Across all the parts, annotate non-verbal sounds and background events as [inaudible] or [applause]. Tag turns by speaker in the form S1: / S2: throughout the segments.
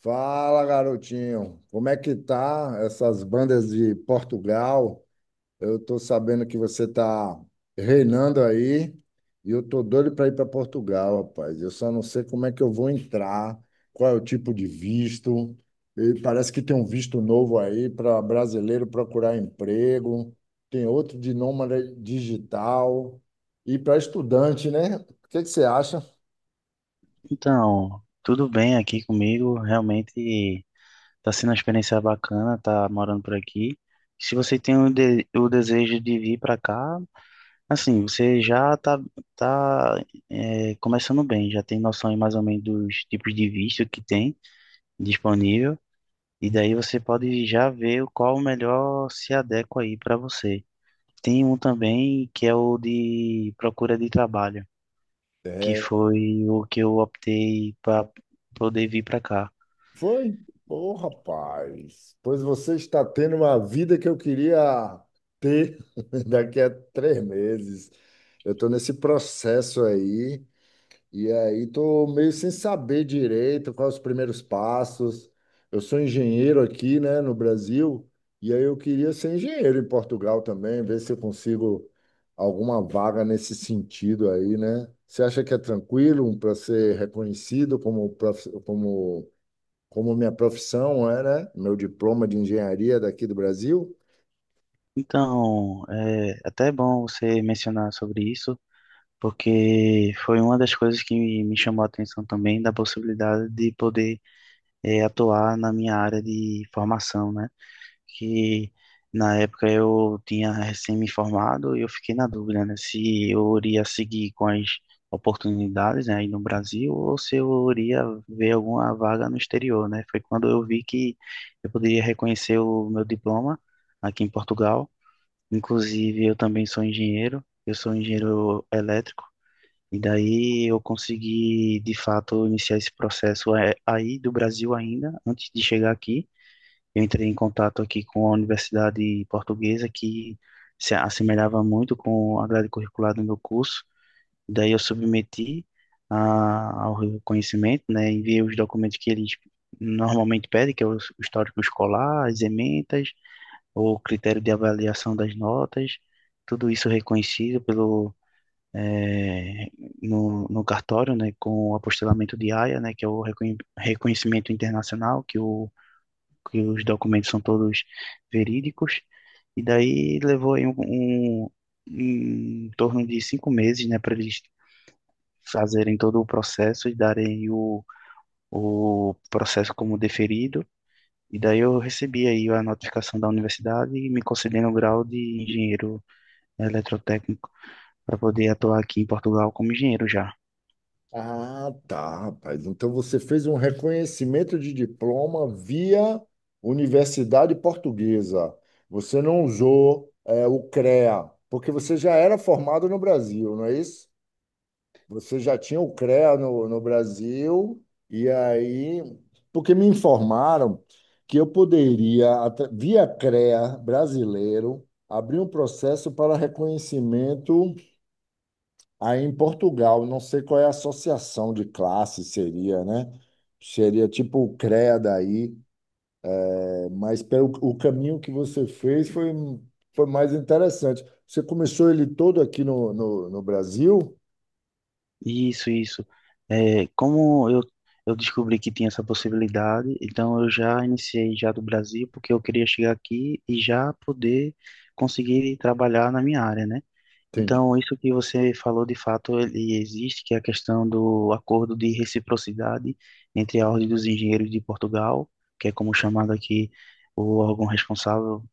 S1: Fala, garotinho. Como é que tá essas bandas de Portugal? Eu tô sabendo que você tá reinando aí e eu tô doido para ir para Portugal, rapaz. Eu só não sei como é que eu vou entrar, qual é o tipo de visto. E parece que tem um visto novo aí para brasileiro procurar emprego, tem outro de nômade digital e para estudante, né? O que que você acha?
S2: Então, tudo bem aqui comigo. Realmente está sendo uma experiência bacana, tá morando por aqui. Se você tem o desejo de vir para cá, assim, você já tá começando bem, já tem noção aí mais ou menos dos tipos de visto que tem disponível, e daí você pode já ver qual o melhor se adequa aí para você. Tem um também que é o de procura de trabalho, que foi o que eu optei para poder vir para cá.
S1: Foi? Ô, rapaz, pois você está tendo uma vida que eu queria ter [laughs] daqui a 3 meses. Eu estou nesse processo aí, e aí estou meio sem saber direito quais os primeiros passos. Eu sou engenheiro aqui, né, no Brasil, e aí eu queria ser engenheiro em Portugal também, ver se eu consigo alguma vaga nesse sentido aí, né? Você acha que é tranquilo para ser reconhecido como minha profissão era meu diploma de engenharia daqui do Brasil?
S2: Então, é até bom você mencionar sobre isso, porque foi uma das coisas que me chamou a atenção também da possibilidade de poder atuar na minha área de formação, né? Que na época eu tinha recém me formado e eu fiquei na dúvida, né? Se eu iria seguir com as oportunidades, né, aí no Brasil ou se eu iria ver alguma vaga no exterior, né? Foi quando eu vi que eu poderia reconhecer o meu diploma aqui em Portugal. Inclusive, eu também sou engenheiro, eu sou engenheiro elétrico, e daí eu consegui, de fato, iniciar esse processo aí do Brasil ainda, antes de chegar aqui. Eu entrei em contato aqui com a Universidade Portuguesa, que se assemelhava muito com a grade curricular do meu curso. Daí eu submeti ao reconhecimento, né, enviei os documentos que eles normalmente pedem, que é o histórico escolar, as ementas, o critério de avaliação das notas, tudo isso reconhecido pelo eh, no cartório, né, com o apostilamento de AIA, né, que é o reconhecimento internacional, que os documentos são todos verídicos, e daí levou aí um em torno de 5 meses, né, para eles fazerem todo o processo e darem o processo como deferido. E daí eu recebi aí a notificação da universidade e me concedendo o grau de engenheiro eletrotécnico para poder atuar aqui em Portugal como engenheiro já.
S1: Ah, tá, rapaz. Então você fez um reconhecimento de diploma via Universidade Portuguesa. Você não usou, o CREA, porque você já era formado no Brasil, não é isso? Você já tinha o CREA no Brasil, e aí, porque me informaram que eu poderia, via CREA brasileiro, abrir um processo para reconhecimento aí em Portugal. Não sei qual é a associação de classe seria, né? Seria tipo o CREA daí, mas pelo o caminho que você fez foi mais interessante. Você começou ele todo aqui no Brasil?
S2: Isso, isso. É, como eu descobri que tinha essa possibilidade, então eu já iniciei já do Brasil, porque eu queria chegar aqui e já poder conseguir trabalhar na minha área, né? Então, isso que você falou, de fato, ele existe, que é a questão do acordo de reciprocidade entre a Ordem dos Engenheiros de Portugal, que é como chamado aqui o órgão responsável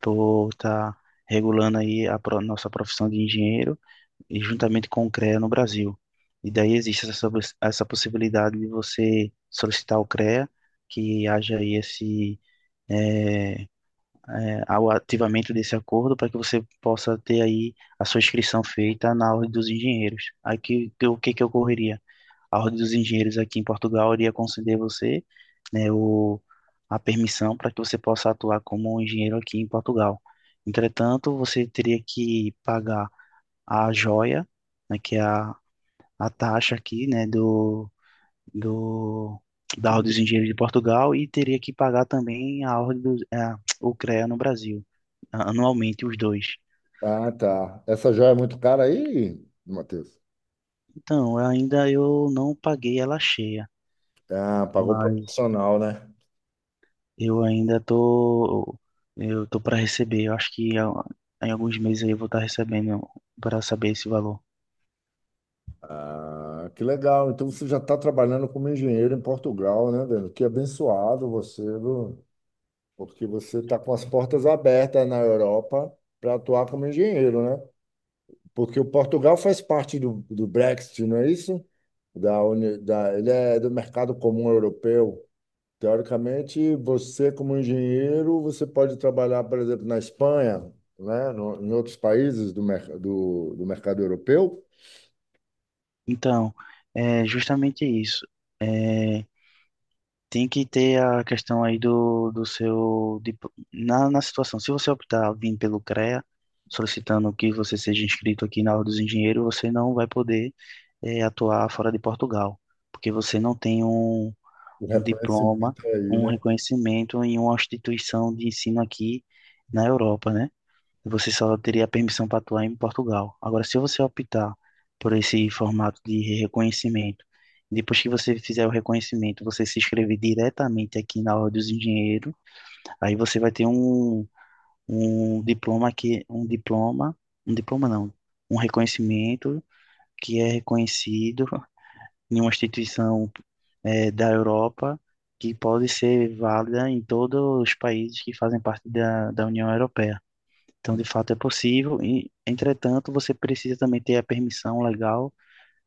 S2: por estar regulando aí a nossa profissão de engenheiro, e juntamente com o CREA no Brasil. E daí existe essa, essa possibilidade de você solicitar o CREA, que haja aí esse, eh, ao ativamento desse acordo para que você possa ter aí a sua inscrição feita na Ordem dos Engenheiros. Aí o que que ocorreria? A Ordem dos Engenheiros aqui em Portugal iria conceder você, né, a permissão para que você possa atuar como um engenheiro aqui em Portugal. Entretanto, você teria que pagar a joia, né, que é a taxa aqui, né, do, do da Ordem dos Engenheiros de Portugal e teria que pagar também a ordem o CREA no Brasil anualmente os dois.
S1: Ah, tá. Essa joia é muito cara aí, Matheus?
S2: Então, ainda eu não paguei ela cheia,
S1: Ah, pagou
S2: mas
S1: proporcional, né?
S2: eu ainda tô para receber. Eu acho que em alguns meses aí eu vou estar recebendo para saber esse valor.
S1: Ah, que legal. Então você já está trabalhando como engenheiro em Portugal, né, velho? Que abençoado você, viu? Porque você está com as portas abertas na Europa para atuar como engenheiro, né? Porque o Portugal faz parte do Brexit, não é isso? Ele é do mercado comum europeu. Teoricamente, você como engenheiro, você pode trabalhar, por exemplo, na Espanha, né? No, Em outros países do mercado europeu.
S2: Então, é justamente isso. É, tem que ter a questão aí do seu. Na situação, se você optar vir pelo CREA, solicitando que você seja inscrito aqui na Ordem dos Engenheiros, você não vai poder atuar fora de Portugal, porque você não tem um,
S1: O
S2: um diploma,
S1: reconhecimento é aí,
S2: um
S1: né?
S2: reconhecimento em uma instituição de ensino aqui na Europa, né? Você só teria permissão para atuar em Portugal. Agora, se você optar por esse formato de reconhecimento, depois que você fizer o reconhecimento, você se inscrever diretamente aqui na Ordem dos Engenheiros, aí você vai ter um diploma que um diploma não, um reconhecimento que é reconhecido [laughs] em uma instituição da Europa que pode ser válida em todos os países que fazem parte da União Europeia. Então, de fato, é possível. E, entretanto, você precisa também ter a permissão legal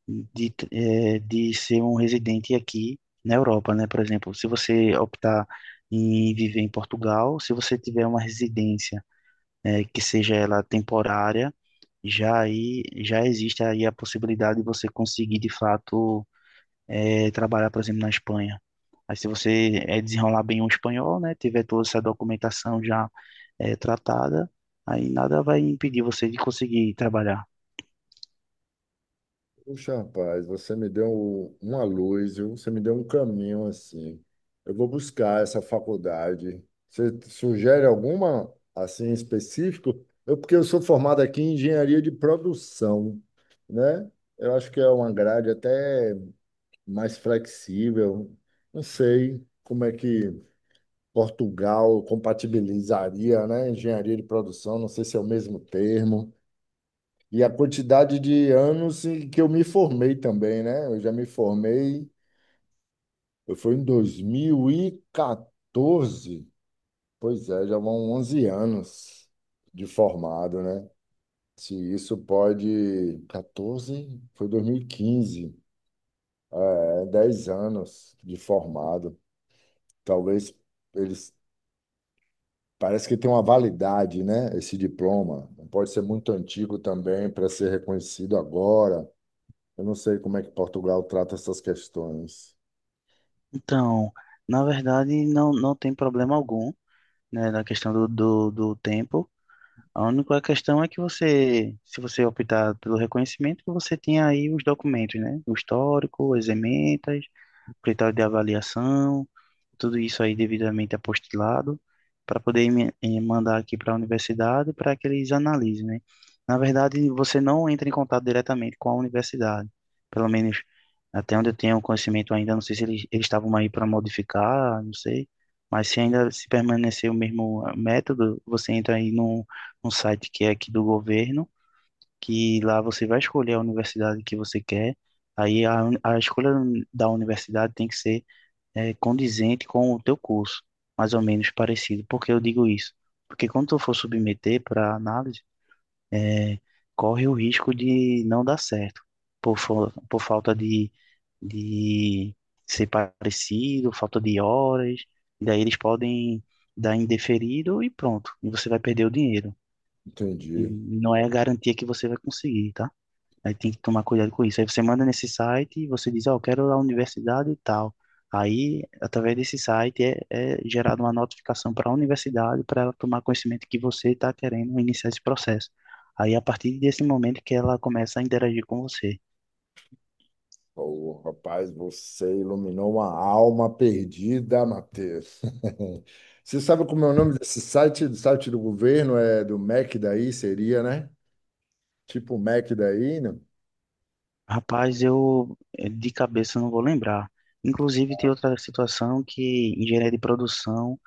S2: de ser um residente aqui na Europa, né? Por exemplo, se você optar em viver em Portugal, se você tiver uma residência, que seja ela temporária, já aí já existe aí a possibilidade de você conseguir, de fato, trabalhar, por exemplo, na Espanha. Aí, se você desenrolar bem o espanhol, né? Tiver toda essa documentação já tratada, aí nada vai impedir você de conseguir trabalhar.
S1: Puxa, rapaz, você me deu uma luz, viu? Você me deu um caminho assim. Eu vou buscar essa faculdade. Você sugere alguma assim específico? Porque eu sou formado aqui em engenharia de produção, né? Eu acho que é uma grade até mais flexível. Não sei como é que Portugal compatibilizaria, né? Engenharia de produção, não sei se é o mesmo termo. E a quantidade de anos em que eu me formei também, né? Eu já me formei, eu fui em 2014. Pois é, já vão 11 anos de formado, né? Se isso pode. 14? Foi 2015. É, 10 anos de formado. Talvez eles Parece que tem uma validade, né? Esse diploma. Não pode ser muito antigo também para ser reconhecido agora. Eu não sei como é que Portugal trata essas questões.
S2: Então, na verdade, não, não tem problema algum, né, na questão do tempo. A única questão é que você, se você optar pelo reconhecimento, que você tenha aí os documentos, né? O histórico, as ementas, o critério de avaliação, tudo isso aí devidamente apostilado, para poder mandar aqui para a universidade para que eles analisem, né? Na verdade, você não entra em contato diretamente com a universidade, pelo menos até onde eu tenho conhecimento ainda, não sei se eles estavam aí para modificar, não sei, mas se ainda se permanecer o mesmo método, você entra aí num site que é aqui do governo, que lá você vai escolher a universidade que você quer, aí a escolha da universidade tem que ser condizente com o teu curso, mais ou menos parecido. Por que eu digo isso? Porque quando tu for submeter para análise, é, corre o risco de não dar certo, por falta de ser parecido, falta de horas, e daí eles podem dar indeferido e pronto, e você vai perder o dinheiro.
S1: Entendi.
S2: E não é a garantia que você vai conseguir, tá? Aí tem que tomar cuidado com isso. Aí você manda nesse site e você diz, ó, eu quero a universidade e tal. Aí, através desse site, é gerada uma notificação para a universidade para ela tomar conhecimento que você está querendo iniciar esse processo. Aí, a partir desse momento que ela começa a interagir com você.
S1: Ô, rapaz, você iluminou uma alma perdida, Matheus. [laughs] Você sabe como é o nome desse site? Do site do governo é do MEC daí, seria, né? Tipo o MEC daí, né?
S2: Rapaz, eu de cabeça não vou lembrar. Inclusive, tem outra situação que engenharia de produção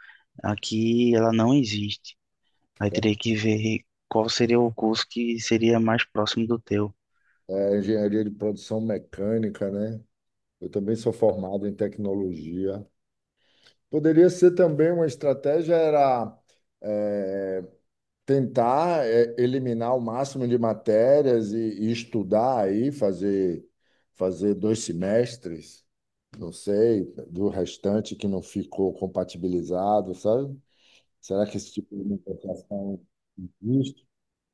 S2: aqui ela não existe. Aí teria que ver qual seria o curso que seria mais próximo do teu.
S1: É engenharia de produção mecânica, né? Eu também sou formado em tecnologia. Poderia ser também uma estratégia era eh, tentar eliminar o máximo de matérias e estudar aí, fazer 2 semestres, não sei, do restante que não ficou compatibilizado, sabe? Será que esse tipo de negociação existe?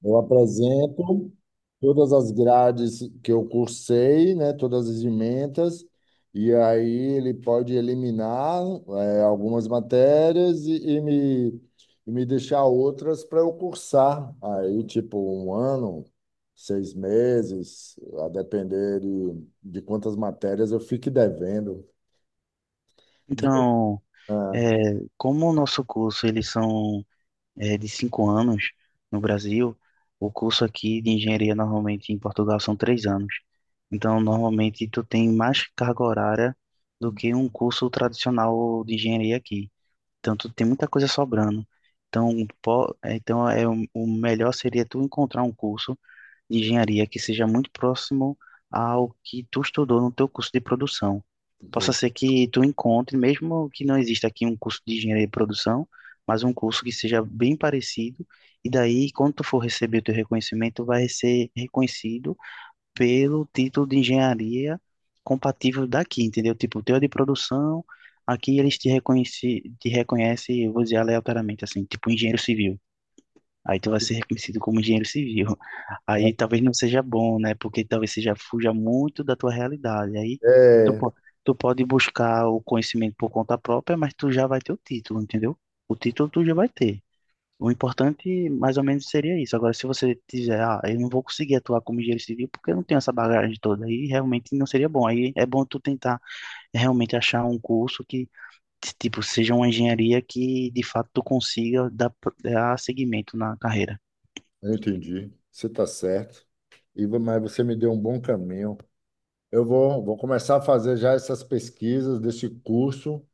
S1: Eu apresento todas as grades que eu cursei, né, todas as ementas, e aí ele pode eliminar, algumas matérias e me deixar outras para eu cursar. Aí, tipo, um ano, 6 meses, a depender de quantas matérias eu fique devendo.
S2: Então,
S1: Ah,
S2: É, como o nosso curso, eles são de 5 anos no Brasil, o curso aqui de engenharia normalmente em Portugal são 3 anos. Então, normalmente tu tem mais carga horária do que um curso tradicional de engenharia aqui. Então, tu tem muita coisa sobrando. Então, o melhor seria tu encontrar um curso de engenharia que seja muito próximo ao que tu estudou no teu curso de produção. Possa
S1: entendi.
S2: ser que tu encontre, mesmo que não exista aqui um curso de engenharia de produção, mas um curso que seja bem parecido, e daí, quando tu for receber o teu reconhecimento, vai ser reconhecido pelo título de engenharia compatível daqui, entendeu? Tipo, o teu é de produção, aqui eles te reconhece, te reconhecem, eu vou dizer aleatoriamente, assim, tipo engenheiro civil. Aí tu vai ser reconhecido como engenheiro civil. Aí talvez não seja bom, né? Porque talvez seja fuja muito da tua realidade. Aí tu,
S1: É,
S2: po- tu pode buscar o conhecimento por conta própria, mas tu já vai ter o título, entendeu? O título tu já vai ter. O importante, mais ou menos, seria isso. Agora, se você dizer, ah, eu não vou conseguir atuar como engenheiro civil porque eu não tenho essa bagagem toda, aí realmente não seria bom. Aí é bom tu tentar realmente achar um curso que, tipo, seja uma engenharia que, de fato, tu consiga dar, seguimento na carreira.
S1: eu entendi. Você está certo. Iva, mas você me deu um bom caminho. Eu vou começar a fazer já essas pesquisas desse curso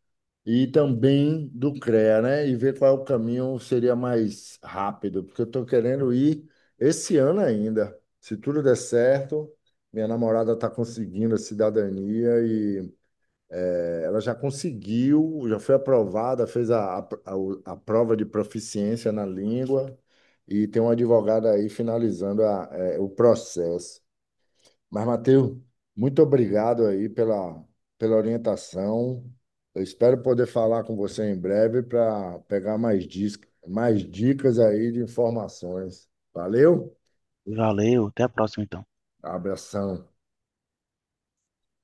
S1: e também do CREA, né? E ver qual é o caminho seria mais rápido, porque eu estou querendo ir esse ano ainda. Se tudo der certo, minha namorada está conseguindo a cidadania. Ela já conseguiu, já foi aprovada, fez a prova de proficiência na língua e tem um advogado aí finalizando o processo. Mas, Matheus, muito obrigado aí pela orientação. Eu espero poder falar com você em breve para pegar mais dicas aí de informações. Valeu?
S2: Valeu, até a próxima então.
S1: Abração.